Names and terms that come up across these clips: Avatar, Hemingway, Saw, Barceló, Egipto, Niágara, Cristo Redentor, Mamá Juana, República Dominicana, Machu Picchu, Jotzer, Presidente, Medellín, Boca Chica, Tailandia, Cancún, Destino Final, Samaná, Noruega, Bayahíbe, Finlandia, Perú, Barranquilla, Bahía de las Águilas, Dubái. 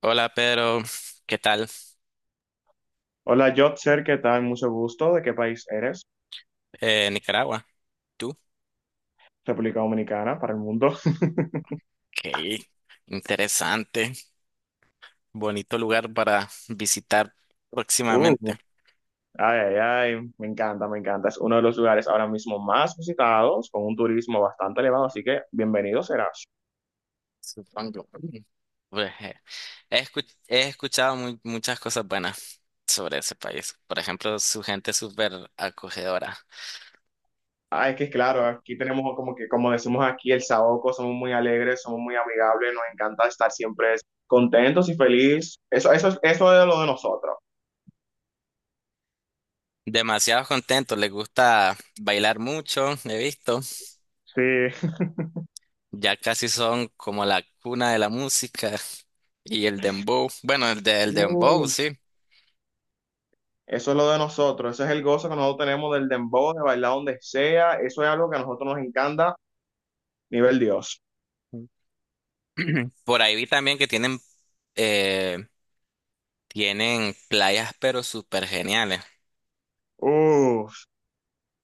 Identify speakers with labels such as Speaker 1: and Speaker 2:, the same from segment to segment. Speaker 1: Hola Pedro, ¿qué tal?
Speaker 2: Hola, Jotzer, ¿qué tal? Mucho gusto. ¿De qué país eres?
Speaker 1: Nicaragua, ¿tú?
Speaker 2: República Dominicana, para el mundo.
Speaker 1: Qué interesante, bonito lugar para visitar
Speaker 2: Uh,
Speaker 1: próximamente,
Speaker 2: ay, ay, ay, me encanta, me encanta. Es uno de los lugares ahora mismo más visitados, con un turismo bastante elevado, así que bienvenido serás.
Speaker 1: supongo. Pues, he escuchado muchas cosas buenas sobre ese país. Por ejemplo, su gente es súper acogedora.
Speaker 2: Ah, es que claro, aquí tenemos como que, como decimos aquí, el saoco, somos muy alegres, somos muy amigables, nos encanta estar siempre contentos y felices. Eso es lo de nosotros.
Speaker 1: Demasiado contento, les gusta bailar mucho, he visto.
Speaker 2: Sí.
Speaker 1: Ya casi son como la cuna de la música y el dembow. Bueno, el del
Speaker 2: Uh,
Speaker 1: dembow, sí.
Speaker 2: Eso es lo de nosotros, ese es el gozo que nosotros tenemos del dembow, de bailar donde sea, eso es algo que a nosotros nos encanta, nivel Dios.
Speaker 1: Por ahí vi también que eh, tienen playas, pero súper geniales.
Speaker 2: Uh.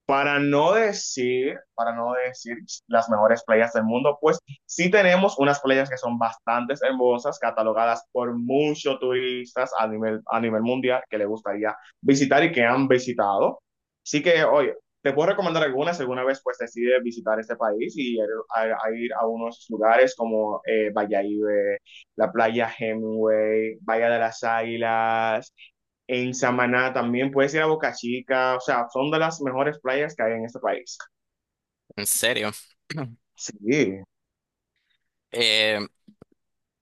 Speaker 2: Para no decir las mejores playas del mundo, pues sí tenemos unas playas que son bastante hermosas, catalogadas por muchos turistas a nivel mundial que les gustaría visitar y que han visitado. Así que, oye, te puedo recomendar algunas si alguna vez pues decides visitar este país y ir a, a ir a unos lugares como Bayahíbe, la playa Hemingway, Bahía de las Águilas, en Samaná también, puedes ir a Boca Chica, o sea, son de las mejores playas que hay en este país.
Speaker 1: En serio.
Speaker 2: Sí.
Speaker 1: Eh,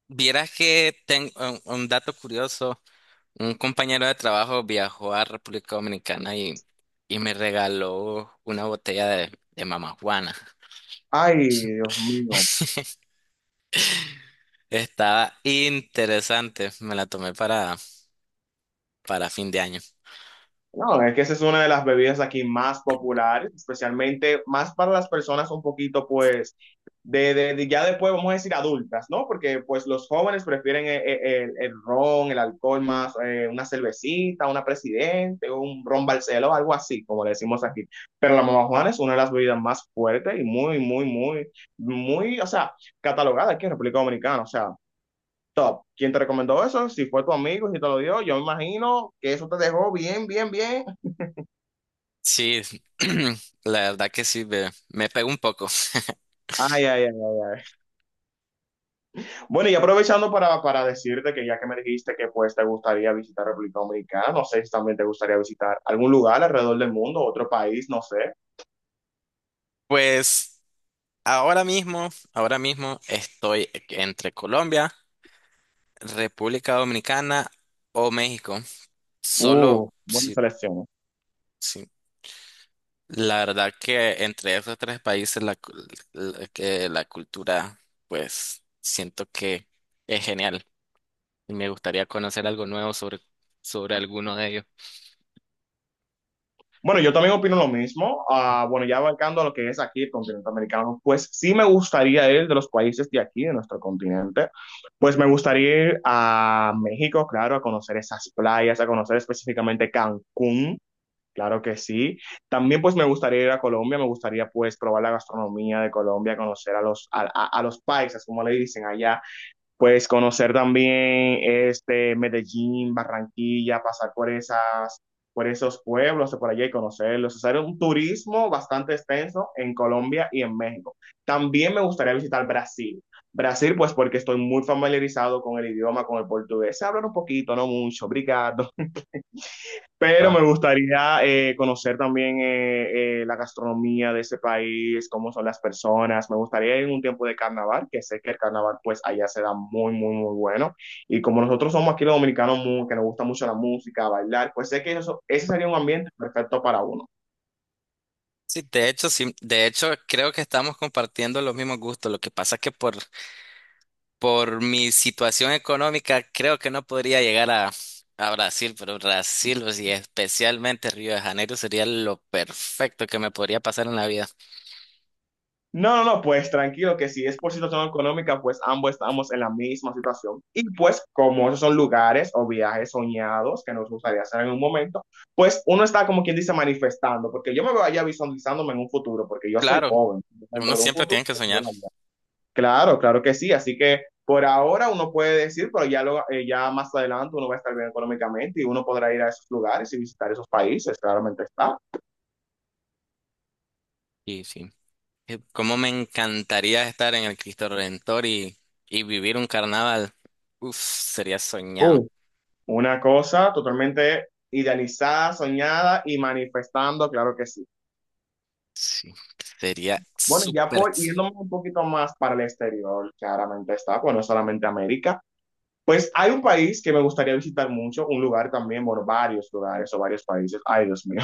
Speaker 1: vieras que tengo un dato curioso. Un compañero de trabajo viajó a República Dominicana y me regaló una botella de Mamá Juana.
Speaker 2: Ay, Dios mío.
Speaker 1: Estaba interesante. Me la tomé para fin de año.
Speaker 2: No, es que esa es una de las bebidas aquí más populares, especialmente más para las personas un poquito, pues, ya después vamos a decir adultas, ¿no? Porque pues los jóvenes prefieren el ron, el alcohol más, una cervecita, una presidente, un ron Barceló, algo así, como le decimos aquí. Pero la mamá Juana es una de las bebidas más fuertes y muy, muy, muy, muy, o sea, catalogada aquí en República Dominicana, o sea. Top. ¿Quién te recomendó eso? Si fue tu amigo, si te lo dio, yo me imagino que eso te dejó bien, bien, bien.
Speaker 1: Sí, la verdad que sí, me pegó un poco.
Speaker 2: Ay, ay, ay. Bueno, y aprovechando para decirte que ya que me dijiste que pues te gustaría visitar República Dominicana, no sé si también te gustaría visitar algún lugar alrededor del mundo, otro país, no sé.
Speaker 1: Pues ahora mismo estoy entre Colombia, República Dominicana o México. Solo
Speaker 2: Buena
Speaker 1: si,
Speaker 2: selección.
Speaker 1: si- la verdad que entre esos tres países la, cul- la- que la cultura, pues siento que es genial. Y me gustaría conocer algo nuevo sobre alguno de ellos.
Speaker 2: Bueno, yo también opino lo mismo. Ah, bueno, ya abarcando lo que es aquí el continente americano, pues sí me gustaría ir de los países de aquí, de nuestro continente, pues me gustaría ir a México, claro, a conocer esas playas, a conocer específicamente Cancún. Claro que sí. También pues me gustaría ir a Colombia, me gustaría pues probar la gastronomía de Colombia, conocer a los paisas, como le dicen allá, pues conocer también este Medellín, Barranquilla, pasar por por esos pueblos de por allá y conocerlos, hacer un turismo bastante extenso en Colombia y en México. También me gustaría visitar Brasil. Brasil pues porque estoy muy familiarizado con el idioma, con el portugués. Se hablan un poquito, no mucho, obrigado. Pero me gustaría conocer también la gastronomía de ese país, cómo son las personas. Me gustaría ir en un tiempo de carnaval, que sé que el carnaval pues allá se da muy, muy, muy bueno. Y como nosotros somos aquí los dominicanos muy- que nos gusta mucho la música, bailar, pues sé que eso, ese sería un ambiente perfecto para uno.
Speaker 1: Sí, de hecho, creo que estamos compartiendo los mismos gustos. Lo que pasa es que por mi situación económica, creo que no podría llegar a Brasil, pero Brasil, o sea, especialmente Río de Janeiro, sería lo perfecto que me podría pasar en la vida.
Speaker 2: No, no, no, pues tranquilo, que si es por situación económica, pues ambos estamos en la misma situación. Y pues como esos son lugares o viajes soñados que nos gustaría hacer en un momento, pues uno está como quien dice manifestando, porque yo me voy allá visualizándome en un futuro, porque yo soy
Speaker 1: Claro,
Speaker 2: joven,
Speaker 1: uno
Speaker 2: dentro de un
Speaker 1: siempre
Speaker 2: futuro.
Speaker 1: tiene que
Speaker 2: Pues, yo
Speaker 1: soñar.
Speaker 2: allá. Claro, claro que sí, así que por ahora uno puede decir, pero ya, ya más adelante uno va a estar bien económicamente y uno podrá ir a esos lugares y visitar esos países, claramente está.
Speaker 1: Sí, sí. Cómo me encantaría estar en el Cristo Redentor y vivir un carnaval. Uf, sería soñado.
Speaker 2: Una cosa totalmente idealizada, soñada y manifestando, claro que sí.
Speaker 1: Sí, sería
Speaker 2: Bueno, ya
Speaker 1: súper.
Speaker 2: por
Speaker 1: ex-
Speaker 2: irnos un poquito más para el exterior, claramente está, pues no solamente América. Pues hay un país que me gustaría visitar mucho, un lugar también, bueno, varios lugares o varios países. Ay, Dios mío.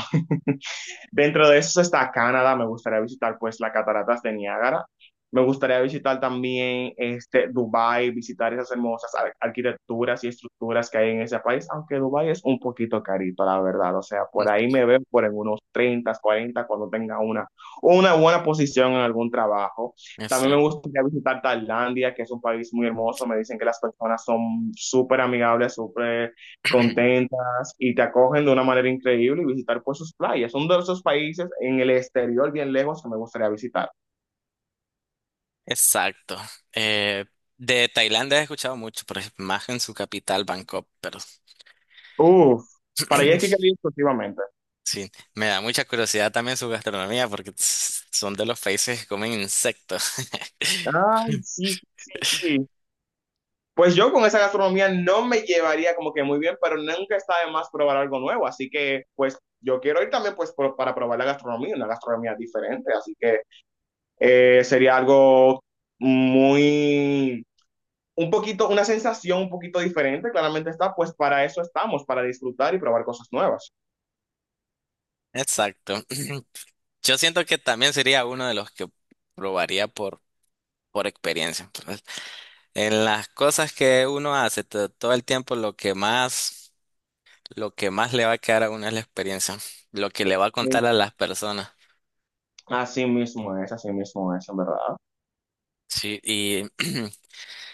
Speaker 2: Dentro de eso está Canadá, me gustaría visitar pues las cataratas de Niágara. Me gustaría visitar también este, Dubái, visitar esas hermosas arquitecturas y estructuras que hay en ese país, aunque Dubái es un poquito carito, la verdad. O sea, por ahí me veo por en unos 30, 40 cuando tenga una buena posición en algún trabajo. También me
Speaker 1: Exacto.
Speaker 2: gustaría visitar Tailandia, que es un país muy hermoso. Me dicen que las personas son súper amigables, súper contentas y te acogen de una manera increíble y visitar pues sus playas. Son de esos países en el exterior bien lejos que me gustaría visitar.
Speaker 1: Exacto. Eh, de Tailandia he escuchado mucho, por ejemplo más en su capital, Bangkok, pero
Speaker 2: Uf, para allá es que quiero ir exclusivamente.
Speaker 1: sí, me da mucha curiosidad también su gastronomía porque tss, son de los países que comen insectos.
Speaker 2: Ah, sí, sí, sí. Sí. Pues yo con esa gastronomía no me llevaría como que muy bien, pero nunca está de más probar algo nuevo. Así que pues yo quiero ir también para probar la gastronomía, una gastronomía diferente. Así que sería algo muy un poquito, una sensación un poquito diferente, claramente está, pues para eso estamos, para disfrutar y probar cosas nuevas.
Speaker 1: Exacto. Yo siento que también sería uno de los que probaría por experiencia. Entonces, en las cosas que uno hace todo el tiempo, lo que más... Lo que más le va a quedar a uno es la experiencia, lo que le va a contar a
Speaker 2: Sí.
Speaker 1: las personas.
Speaker 2: Así mismo es, en verdad.
Speaker 1: Sí, y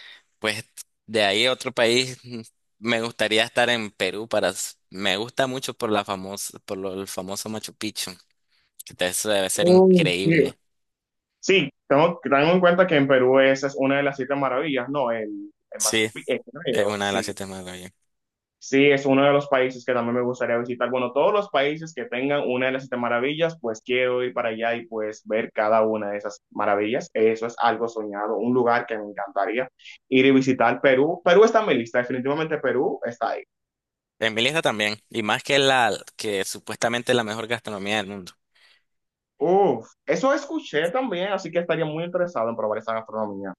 Speaker 1: pues de ahí a otro país, mm, me gustaría estar en Perú para, me gusta mucho por la famosa, por el famoso Machu Picchu, eso debe ser
Speaker 2: Mm, sí.
Speaker 1: increíble.
Speaker 2: Sí, tengo en cuenta que en Perú esa es una de las 7 maravillas, ¿no? El Machu
Speaker 1: Sí,
Speaker 2: Picchu, creo,
Speaker 1: es una de las
Speaker 2: sí.
Speaker 1: siete maravillas.
Speaker 2: Sí, es uno de los países que también me gustaría visitar. Bueno, todos los países que tengan una de las 7 maravillas, pues quiero ir para allá y pues ver cada una de esas maravillas. Eso es algo soñado, un lugar que me encantaría ir y visitar. Perú, Perú está en mi lista, definitivamente Perú está ahí.
Speaker 1: En mi lista también, y más que supuestamente es la mejor gastronomía del mundo.
Speaker 2: Uf, eso escuché también, así que estaría muy interesado en probar esa gastronomía.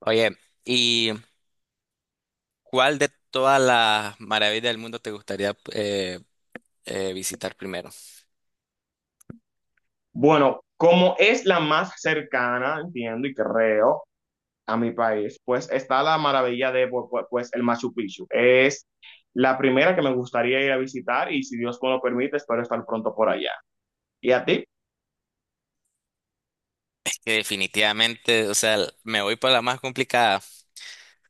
Speaker 1: Oye, ¿y cuál de todas las maravillas del mundo te gustaría visitar primero?
Speaker 2: Bueno, como es la más cercana, entiendo y creo, a mi país, pues está la maravilla de pues el Machu Picchu. Es la primera que me gustaría ir a visitar y si Dios me lo permite, espero estar pronto por allá. ¿Y a ti?
Speaker 1: Que definitivamente, o sea, me voy por la más complicada,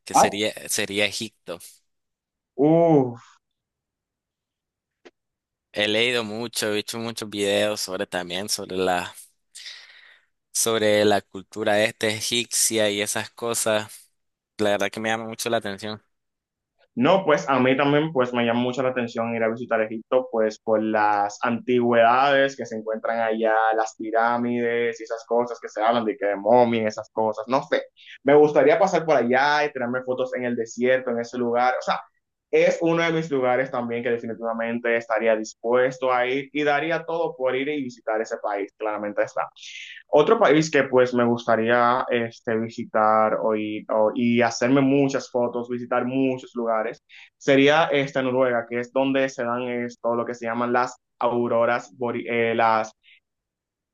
Speaker 2: Ay,
Speaker 1: sería Egipto.
Speaker 2: Uh,
Speaker 1: He leído mucho, he hecho muchos videos sobre también, sobre la cultura este egipcia y esas cosas. La verdad que me llama mucho la atención.
Speaker 2: no, pues a mí también pues me llama mucho la atención ir a visitar Egipto, pues por las antigüedades que se encuentran allá, las pirámides y esas cosas que se hablan de que de momia, esas cosas, no sé. Me gustaría pasar por allá y tirarme fotos en el desierto, en ese lugar. O sea, es uno de mis lugares también que definitivamente estaría dispuesto a ir y daría todo por ir y visitar ese país, claramente está. Otro país que pues me gustaría este, visitar o ir- o- y hacerme muchas fotos, visitar muchos lugares, sería esta Noruega, que es donde se dan esto, lo que se llaman las las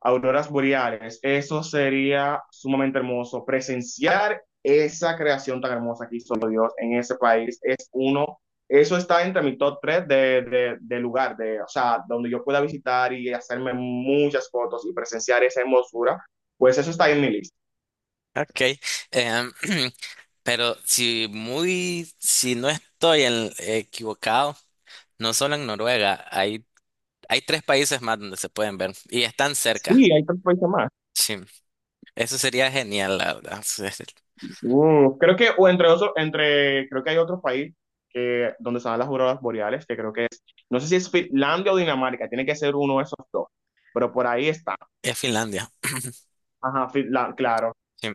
Speaker 2: auroras boreales. Eso sería sumamente hermoso. Presenciar esa creación tan hermosa que hizo Dios en ese país es uno, eso está entre mi top 3 de lugar, de, o sea, donde yo pueda visitar y hacerme muchas fotos y presenciar esa hermosura. Pues eso está en mi lista.
Speaker 1: Ok. em, pero si no estoy equivocado, no solo en Noruega, hay tres países más donde se pueden ver y están cerca.
Speaker 2: Sí, hay otros países más.
Speaker 1: Sí, eso sería genial, la verdad.
Speaker 2: Mm, creo que, o entre otros, entre, creo que hay otro país donde están las auroras boreales, que creo que es, no sé si es Finlandia o Dinamarca, tiene que ser uno de esos dos, pero por ahí está.
Speaker 1: Es Finlandia.
Speaker 2: Ajá, claro.
Speaker 1: Sí.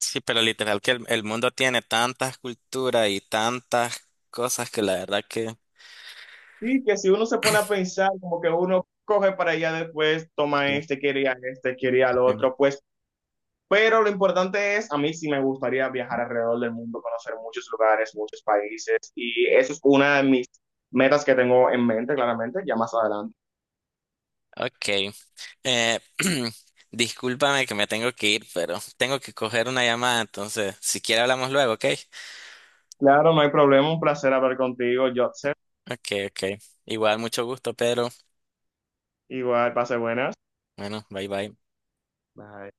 Speaker 1: Sí, pero literal que el mundo tiene tantas culturas y tantas cosas que la verdad que...
Speaker 2: Sí, que si uno se pone a pensar, como que uno coge para allá después, toma
Speaker 1: Sí,
Speaker 2: este, quiere ir a este, quiere ir al
Speaker 1: sí.
Speaker 2: otro, pues. Pero lo importante es, a mí sí me gustaría viajar alrededor del mundo, conocer muchos lugares, muchos países, y eso es una de mis metas que tengo en mente, claramente, ya más adelante.
Speaker 1: Ok. Eh, discúlpame que me tengo que ir, pero tengo que coger una llamada, entonces si quiere hablamos luego, ¿ok?
Speaker 2: Claro, no hay problema, un placer hablar contigo, Jotzer.
Speaker 1: Ok, ok. Igual, mucho gusto, Pedro.
Speaker 2: Igual, pase buenas.
Speaker 1: Bueno, bye bye.
Speaker 2: Bye.